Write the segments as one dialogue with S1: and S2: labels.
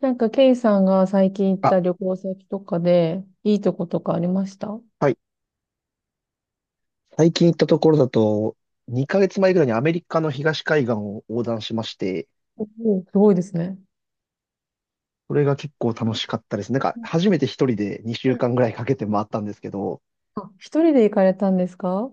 S1: なんか、ケイさんが最近行っ
S2: あ、
S1: た旅行先とかで、いいとことかありましたお？
S2: はい。最近行ったところだと、2ヶ月前ぐらいにアメリカの東海岸を横断しまして、
S1: おー、すごいですね。
S2: それが結構楽しかったです。なんか、
S1: うん。
S2: 初めて一人で2週間ぐらいかけて回ったんですけど、
S1: あ、一人で行かれたんですか？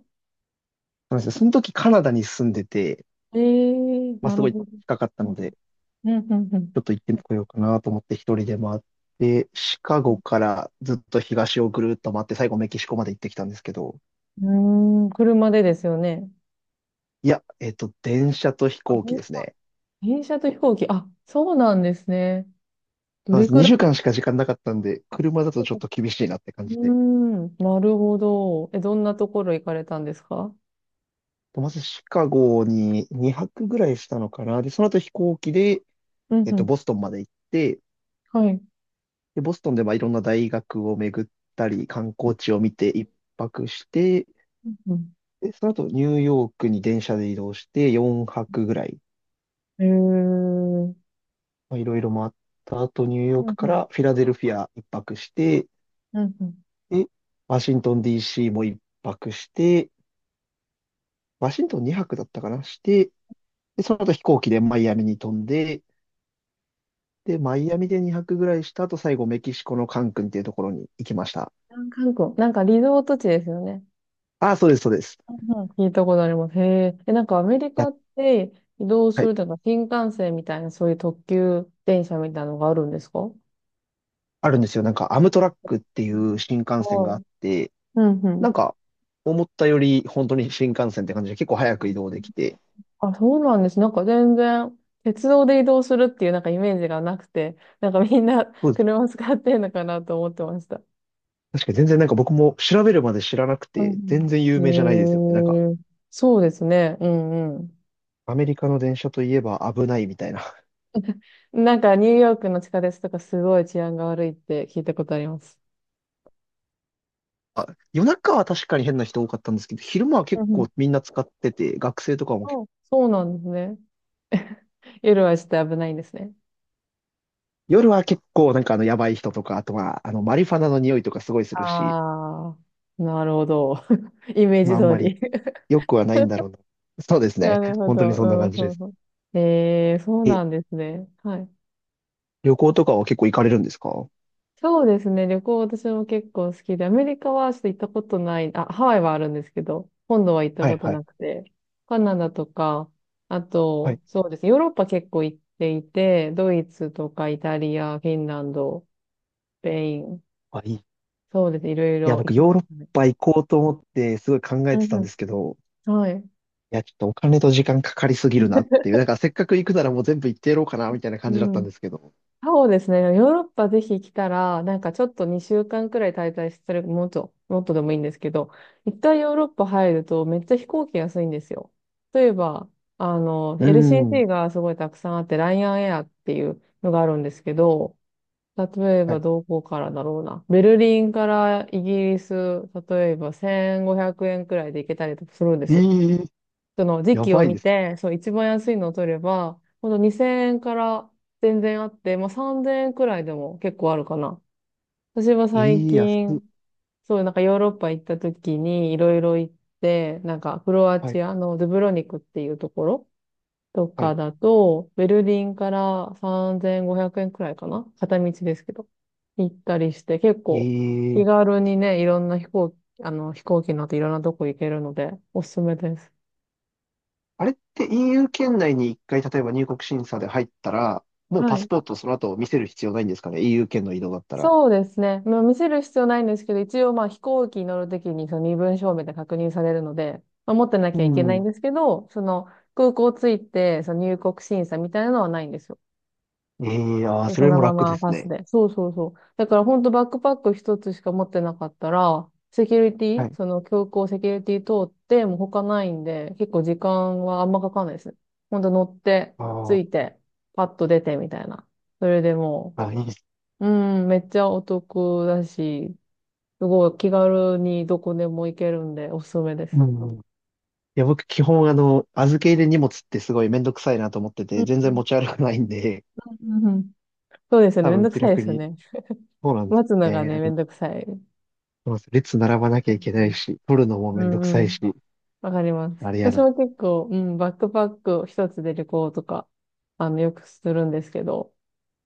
S2: そうなんですよ、その時カナダに住んでて、
S1: ええー、
S2: まあ、
S1: な
S2: す
S1: る
S2: ごい
S1: ほど。
S2: 近かった
S1: うん
S2: ので、
S1: うんうん
S2: ちょっと行ってこようかなと思って一人で回って、シカゴからずっと東をぐるっと回って、最後メキシコまで行ってきたんですけど、
S1: うん。うーん、車でですよね。
S2: いや、電車と飛
S1: あ、
S2: 行機
S1: 電
S2: です
S1: 車。
S2: ね。
S1: 電車と飛行機。あ、そうなんですね。ど
S2: そうなん
S1: れ
S2: です。
S1: くら
S2: 2
S1: い。
S2: 週間しか時間なかったんで、車だとちょっと厳しいなって感
S1: うー
S2: じで。
S1: ん、なるほど。え、どんなところ行かれたんですか？
S2: と、まずシカゴに2泊ぐらいしたのかな。で、その後飛行機で、
S1: うんうん。
S2: ボストンまで行って、
S1: はい。
S2: で、ボストンでまあいろんな大学を巡ったり、観光地を見て1泊して、
S1: うんうん。
S2: で、その後ニューヨークに電車で移動して4泊ぐらい、
S1: えー。
S2: まあ、いろいろ回った後、ニューヨー
S1: うん
S2: ク
S1: う
S2: か
S1: ん。
S2: らフィラデルフィア1泊して、
S1: うんうん。
S2: で、ワシントン DC も1泊して、ワシントン2泊だったかな、して、で、その後飛行機でマイアミに飛んで、で、マイアミで2泊ぐらいした後、最後メキシコのカンクンっていうところに行きました。
S1: 韓国、なんかリゾート地ですよね。
S2: ああ、そうです、そうです。
S1: うんうん、聞いたことあります。へえ。え、なんかアメリ
S2: い
S1: カ
S2: や、
S1: って移動す
S2: はい。
S1: るとか新幹線みたいなそういう特急電車みたいなのがあるんですか？う
S2: あるんですよ。なんか、アムトラックっていう
S1: ん。
S2: 新幹線
S1: は
S2: があ
S1: い。
S2: って、
S1: うんう
S2: なん
S1: ん。
S2: か、思ったより本当に新幹線って感じで結構早く移動できて、
S1: あ、そうなんです。なんか全然鉄道で移動するっていうなんかイメージがなくて、なんかみんな
S2: そうです。
S1: 車使ってんのかなと思ってました。
S2: 確かに全然なんか僕も調べるまで知らなく
S1: う
S2: て、全
S1: ん
S2: 然有
S1: う
S2: 名じゃないですよね。なんか、
S1: ん。へえ。そうですね。うんうん。
S2: アメリカの電車といえば危ないみたいな。
S1: なんかニューヨークの地下鉄とかすごい治安が悪いって聞いたことあります。
S2: あ、夜中は確かに変な人多かったんですけど、昼間は
S1: う
S2: 結
S1: んうん。
S2: 構みんな使ってて、学生とかも
S1: そう、そうなんですね。夜はちょっと危ないんですね。
S2: 夜は結構なんかあのやばい人とか、あとはあのマリファナの匂いとかすごいするし、
S1: ああ、なるほど。イメー
S2: ま
S1: ジ
S2: ああん
S1: 通
S2: まり
S1: り。
S2: 良くはないんだろうな。そうです
S1: な
S2: ね。
S1: るほ
S2: 本当にそんな感
S1: ど。
S2: じ
S1: う
S2: で
S1: んうん
S2: す。
S1: うん。ええ、そう
S2: え、
S1: なんですね。はい。
S2: 旅行とかは結構行かれるんですか？は
S1: そうですね。旅行私も結構好きで、アメリカはちょっと行ったことない、あ、ハワイはあるんですけど、本土は行った
S2: い
S1: こと
S2: はい
S1: なくて、カナダとか、あ
S2: は
S1: と、
S2: い。
S1: そうですね。ヨーロッパ結構行っていて、ドイツとかイタリア、フィンランド、スペイン、
S2: あ、いい。い
S1: そうですね。いろい
S2: や、
S1: ろ行
S2: 僕
S1: きまし
S2: ヨーロッ
S1: たね。
S2: パ行こうと思ってすごい考えてたんですけど、
S1: はい。
S2: いや、ちょっとお金と時間かかりすぎるなっていう、なんかせっかく行くならもう全部行ってやろうかなみたいな感じだっ
S1: う
S2: た
S1: ん。
S2: んですけど。
S1: そうですね。ヨーロッパぜひ来たら、なんかちょっと2週間くらい滞在する、もっと、もっとでもいいんですけど、一旦ヨーロッパ入るとめっちゃ飛行機安いんですよ。例えば、
S2: うーん。
S1: LCC がすごいたくさんあって、ライアンエアっていうのがあるんですけど、例え
S2: は
S1: ば
S2: い。
S1: どこからだろうな。ベルリンからイギリス、例えば1500円くえんくらいで行けたりとかするんで
S2: え
S1: すよ。
S2: え、
S1: その時
S2: や
S1: 期を
S2: ばい
S1: 見
S2: です
S1: て、
S2: ね。
S1: そう、一番安いのを取れば、ほんと2000円から全然あって、まあ3000円くらいでも結構あるかな。私は最
S2: ええ、安
S1: 近、
S2: っ。
S1: そう、なんかヨーロッパ行った時にいろいろ行って、なんかクロア
S2: はい
S1: チアのドゥブロニクっていうところと
S2: はい。
S1: かだと、ベルリンから3500円くえんくらいかな片道ですけど。行ったりして、結構
S2: え
S1: 気
S2: え、
S1: 軽にね、いろんな飛行機乗っていろんなとこ行けるので、おすすめです。
S2: あれって EU 圏内に一回、例えば入国審査で入ったら、もう
S1: は
S2: パス
S1: い。
S2: ポートその後見せる必要ないんですかね？ EU 圏の移動だったら。
S1: そうですね。まあ、見せる必要ないんですけど、一応まあ飛行機に乗るときにその身分証明で確認されるので、まあ、持ってな
S2: う
S1: きゃいけないん
S2: ん。
S1: ですけど、その空港着いて、その入国審査みたいなのはないんですよ。
S2: ええ、ああ、
S1: で
S2: そ
S1: そ
S2: れ
S1: の
S2: も
S1: ま
S2: 楽で
S1: ま
S2: す
S1: パス
S2: ね。
S1: で。そうそうそう。だから本当バックパック一つしか持ってなかったら、セキュリテ
S2: は
S1: ィ、
S2: い。
S1: その空港セキュリティ通って、もう他ないんで、結構時間はあんまかかんないですね。本当乗って、着い
S2: あ
S1: て、パッと出てみたいな。それでも
S2: あ、あ、いいです。
S1: う、うん、めっちゃお得だし、すごい気軽にどこでも行けるんで、おすすめで
S2: う
S1: す。
S2: ん。いや、僕、基本、あの、預け入れ荷物ってすごいめんどくさいなと思って
S1: う
S2: て、
S1: ん
S2: 全
S1: う
S2: 然
S1: ん。
S2: 持ち歩かないんで、
S1: うんうん。そうですよね。
S2: 多
S1: めん
S2: 分
S1: どく
S2: 気
S1: さい
S2: 楽
S1: ですよ
S2: に。
S1: ね。
S2: そうなんです
S1: 待つのがね、
S2: ね。
S1: め
S2: そ
S1: んどくさい。
S2: うなんです、列並ばなきゃいけないし、取るのも
S1: う
S2: めんどくさ
S1: んう
S2: いし、
S1: ん。わかります。
S2: あれや
S1: 私
S2: な。
S1: も結構、うん、バックパック一つで旅行とか、よくするんですけど、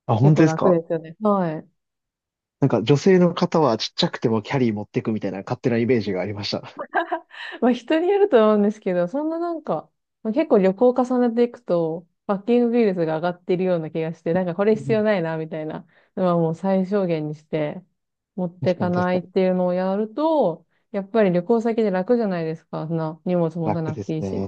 S2: あ、
S1: 結
S2: 本当
S1: 構
S2: です
S1: 楽
S2: か？
S1: ですよね。はい。
S2: なんか女性の方はちっちゃくてもキャリー持ってくみたいな勝手なイメージがありました。
S1: まあ人によると思うんですけど、そんななんか、まあ、結構旅行を重ねていくと、パッキングビールズが上がっているような気がして、なんかこれ
S2: う
S1: 必要
S2: ん、
S1: ないな、みたいなのはもう最小限にして、持って
S2: 確か
S1: か
S2: に確
S1: な
S2: か
S1: いっ
S2: に。
S1: ていうのをやると、やっぱり旅行先で楽じゃないですか。そんな荷物持た
S2: 楽
S1: なく
S2: です
S1: ていいし。
S2: ね。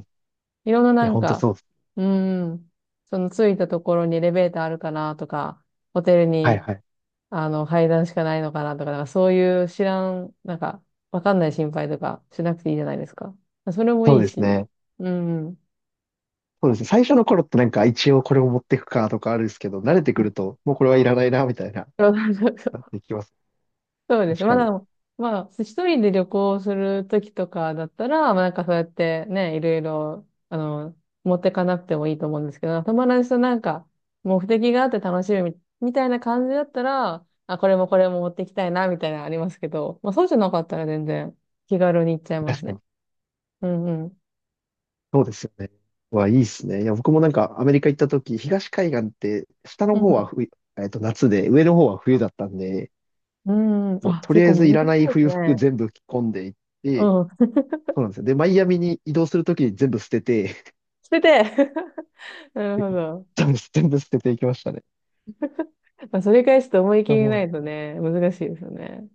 S1: いろんな
S2: い
S1: な
S2: や、
S1: ん
S2: ほんと
S1: か、
S2: そうです。
S1: うーん、その着いたところにエレベーターあるかなとか、ホテル
S2: はい
S1: に
S2: はい。
S1: 階段しかないのかなとか、なんかそういう知らん、なんか、わかんない心配とかしなくていいじゃないですか。それも
S2: そう
S1: いい
S2: です
S1: し。
S2: ね。
S1: うん。
S2: そうですね。最初の頃ってなんか一応これを持っていくかとかあるんですけど、慣れてくるともうこれはいらないなみたいな、
S1: そうそうそ
S2: なっ
S1: う
S2: ていきます。
S1: そうです。
S2: 確かに。
S1: まあ、一人で旅行するときとかだったら、まあなんかそうやってね、いろいろ、持ってかなくてもいいと思うんですけど、友達となんか、目的があって楽しみみみたいな感じだったら、あ、これもこれも持ってきたいな、みたいなのありますけど、まあそうじゃなかったら全然気軽に行っちゃいま
S2: 確
S1: す
S2: か
S1: ね。
S2: に。
S1: うんうん。
S2: そうですよね。わ、いいっすね。いや、僕もなんかアメリカ行った時、東海岸って下
S1: う
S2: の方は
S1: ん
S2: 冬、夏で、上の方は冬だったんで、
S1: うん。
S2: もう
S1: あ、
S2: と
S1: 結
S2: りあえ
S1: 構
S2: ずい
S1: 難し
S2: らな
S1: い
S2: い
S1: です
S2: 冬服
S1: ね。
S2: 全部着込んでいって、
S1: うん。
S2: そうなんですよ。で、マイアミに移動するときに全部捨てて、
S1: 捨てて なるほ ど。
S2: 全部、全部捨てていきましたね。
S1: まあ、それ返すと思い
S2: い
S1: 切
S2: や
S1: りな
S2: もう
S1: いとね、難しいですよね。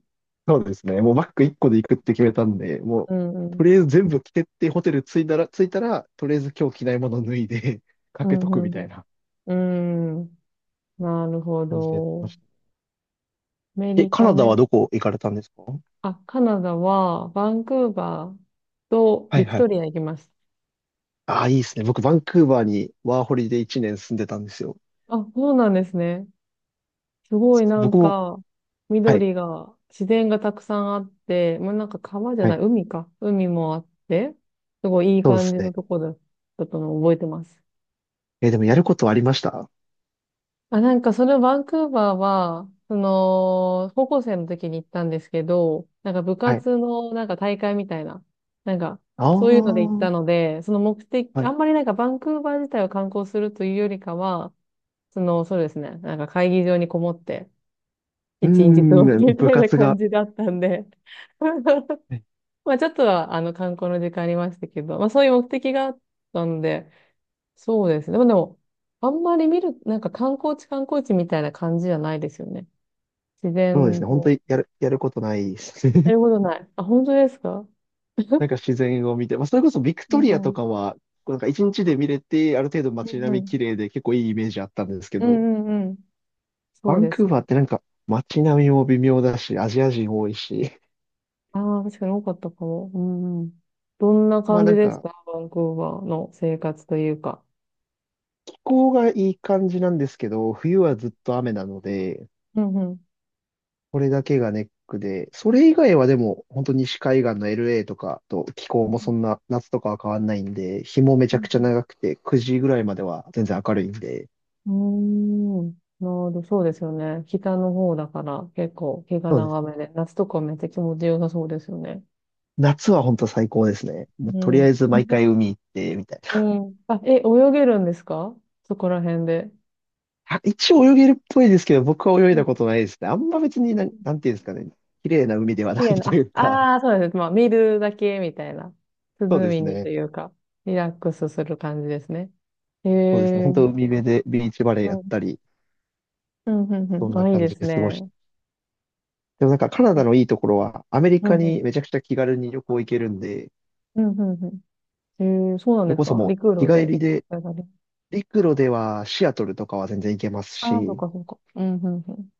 S2: そうですね。もうバッグ1個で行くって決めたんで、もう、
S1: うんう
S2: と
S1: ん。
S2: りあえず全部着てって、ホテル着いたら、とりあえず今日着ないもの脱いで か
S1: う
S2: けとくみ
S1: ん、う
S2: たい
S1: ん、
S2: な
S1: うん。うん。なるほ
S2: 感じでやってま
S1: ど。
S2: した。
S1: アメ
S2: え、
S1: リ
S2: カ
S1: カ
S2: ナダは
S1: ね。
S2: どこ行かれたんですか？
S1: あ、カナダは、バンクーバーと
S2: はい
S1: ビク
S2: は
S1: トリ
S2: い。
S1: ア行きまし
S2: ああ、いいですね。僕、バンクーバーにワーホリで1年住んでたんですよ。
S1: た。あ、そうなんですね。すご
S2: そ
S1: い
S2: う
S1: な
S2: 僕
S1: ん
S2: も、
S1: か、
S2: はい、
S1: 緑が、自然がたくさんあって、もうなんか川じゃ
S2: は
S1: ない、
S2: い、
S1: 海か。海もあって、すごいいい
S2: そうで
S1: 感
S2: す
S1: じの
S2: ね。
S1: とこだったのを覚えてます。
S2: えーでもやることはありました？
S1: あ、なんかそのバンクーバーは、その、高校生の時に行ったんですけど、なんか部
S2: はい。
S1: 活のなんか大会みたいな、なんか
S2: ああ、
S1: そういうので行った
S2: は
S1: ので、その目的、
S2: い。
S1: あ
S2: う
S1: んまりなんかバンクーバー自体を観光するというよりかは、その、そうですね、なんか会議場にこもって、
S2: ー
S1: 一日過ごす
S2: ん、
S1: み
S2: 部
S1: たいな
S2: 活
S1: 感
S2: が、
S1: じだったんで
S2: はい。
S1: まあちょっとは観光の時間ありましたけど、まあそういう目的があったんで、そうですね。でもあんまり見る、なんか観光地観光地みたいな感じじゃないですよね。自
S2: そうです
S1: 然
S2: ね。本当
S1: と。
S2: にやることないです。
S1: やる ことない。あ、本当ですか？
S2: なんか自然を見て、まあ、それこそビク
S1: う
S2: トリア
S1: んう
S2: と
S1: ん。
S2: かは、なんか一日で見れて、ある程度
S1: う
S2: 街
S1: ん
S2: 並
S1: う
S2: み
S1: ん。
S2: 綺麗で結構いいイメージあったんですけ
S1: う
S2: ど、
S1: んうんうん。
S2: バ
S1: そう
S2: ン
S1: で
S2: ク
S1: す
S2: ー
S1: ね。
S2: バーってなんか街並みも微妙だし、アジア人多いし、
S1: ああ、確かに多かったかも。うんうん。どんな
S2: まあ
S1: 感
S2: な
S1: じ
S2: ん
S1: でし
S2: か
S1: たバンクーバーの生活というか。
S2: 気候がいい感じなんですけど、冬はずっと雨なので、
S1: うんうん。
S2: これだけがネックで、それ以外はでも本当西海岸の LA とかと気候もそんな夏とかは変わんないんで、日もめち
S1: う
S2: ゃくちゃ
S1: ん
S2: 長くて9時ぐらいまでは全然明るいんで、
S1: うーん。なるほど、そうですよね。北の方だから結構日が長めで、夏とかめっちゃ気持ちよさそうですよね。
S2: 夏は本当最高ですね。もう
S1: う
S2: とりあ
S1: ん。
S2: えず毎回海行って、みたい
S1: う
S2: な。
S1: ん。あ、え、泳げるんですか？そこら辺で。
S2: あ、一応泳げるっぽいですけど、僕は泳い
S1: うん。
S2: だことないですね。あんま別になんていうんですかね。綺麗な海ではな
S1: 綺
S2: い
S1: 麗
S2: とい
S1: な、
S2: うか。
S1: あ、あーそうです。まあ、見るだけみたいな。涼
S2: そうで
S1: み
S2: す
S1: にと
S2: ね。
S1: いうか、リラックスする感じですね。へ
S2: そうですね。本
S1: え。
S2: 当海辺でビーチバレー
S1: う
S2: やっ
S1: ん。
S2: たり、
S1: うん、うん、う
S2: そん
S1: ん。
S2: な
S1: あ、いい
S2: 感
S1: で
S2: じ
S1: す
S2: で過ご
S1: ね。
S2: して。でもなんかカナ
S1: う
S2: ダのいいところは、アメリ
S1: ん、う
S2: カに
S1: ん。
S2: めちゃくちゃ気軽に旅行行けるんで、
S1: うん、うん、うん。へえ、そうなん
S2: それ
S1: です
S2: こそ
S1: か？
S2: もう
S1: 陸
S2: 日
S1: 路
S2: 帰
S1: で
S2: り
S1: 行く。
S2: で、陸路ではシアトルとかは全然行けます
S1: ああ、そっ
S2: し、
S1: かそっか。うん、うん、うん。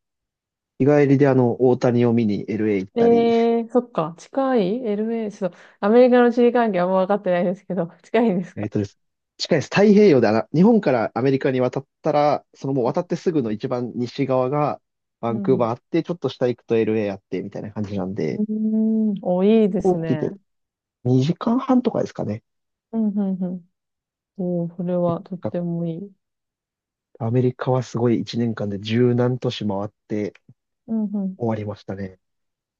S2: 日帰りであの、大谷を見に LA 行っ
S1: え
S2: たり、
S1: えー、そっか。近い ?LA、ちょっと、アメリカの地理関係あんま分かってないですけど、近いんです
S2: え
S1: か？
S2: っとです。近いです。太平洋であの日本からアメリカに渡ったら、そのもう渡ってすぐの一番西側がバ
S1: う
S2: ンク
S1: ん。
S2: ー
S1: う
S2: バーあって、ちょっと下行くと LA あって、みたいな感じなんで、
S1: ーん。お、いいで
S2: 飛
S1: す
S2: 行機
S1: ね。
S2: で2時間半とかですかね。
S1: うん、うん、うん。おー、それ
S2: 結
S1: は
S2: 構
S1: とっ
S2: 近く
S1: て
S2: て
S1: もいい。
S2: アメリカはすごい1年間で十何都市回って
S1: うん、う
S2: 終わりましたね。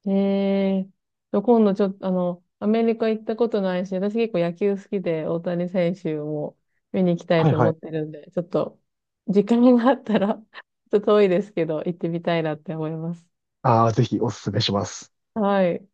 S1: ん。ええー。今度ちょっと、アメリカ行ったことないし、私結構野球好きで、大谷選手も見に行きたい
S2: はい
S1: と
S2: は
S1: 思っ
S2: い。
S1: てるんで、ちょっと、時間があったら ちょっと遠いですけど、行ってみたいなって思います。
S2: ああ、ぜひおすすめします。
S1: はい。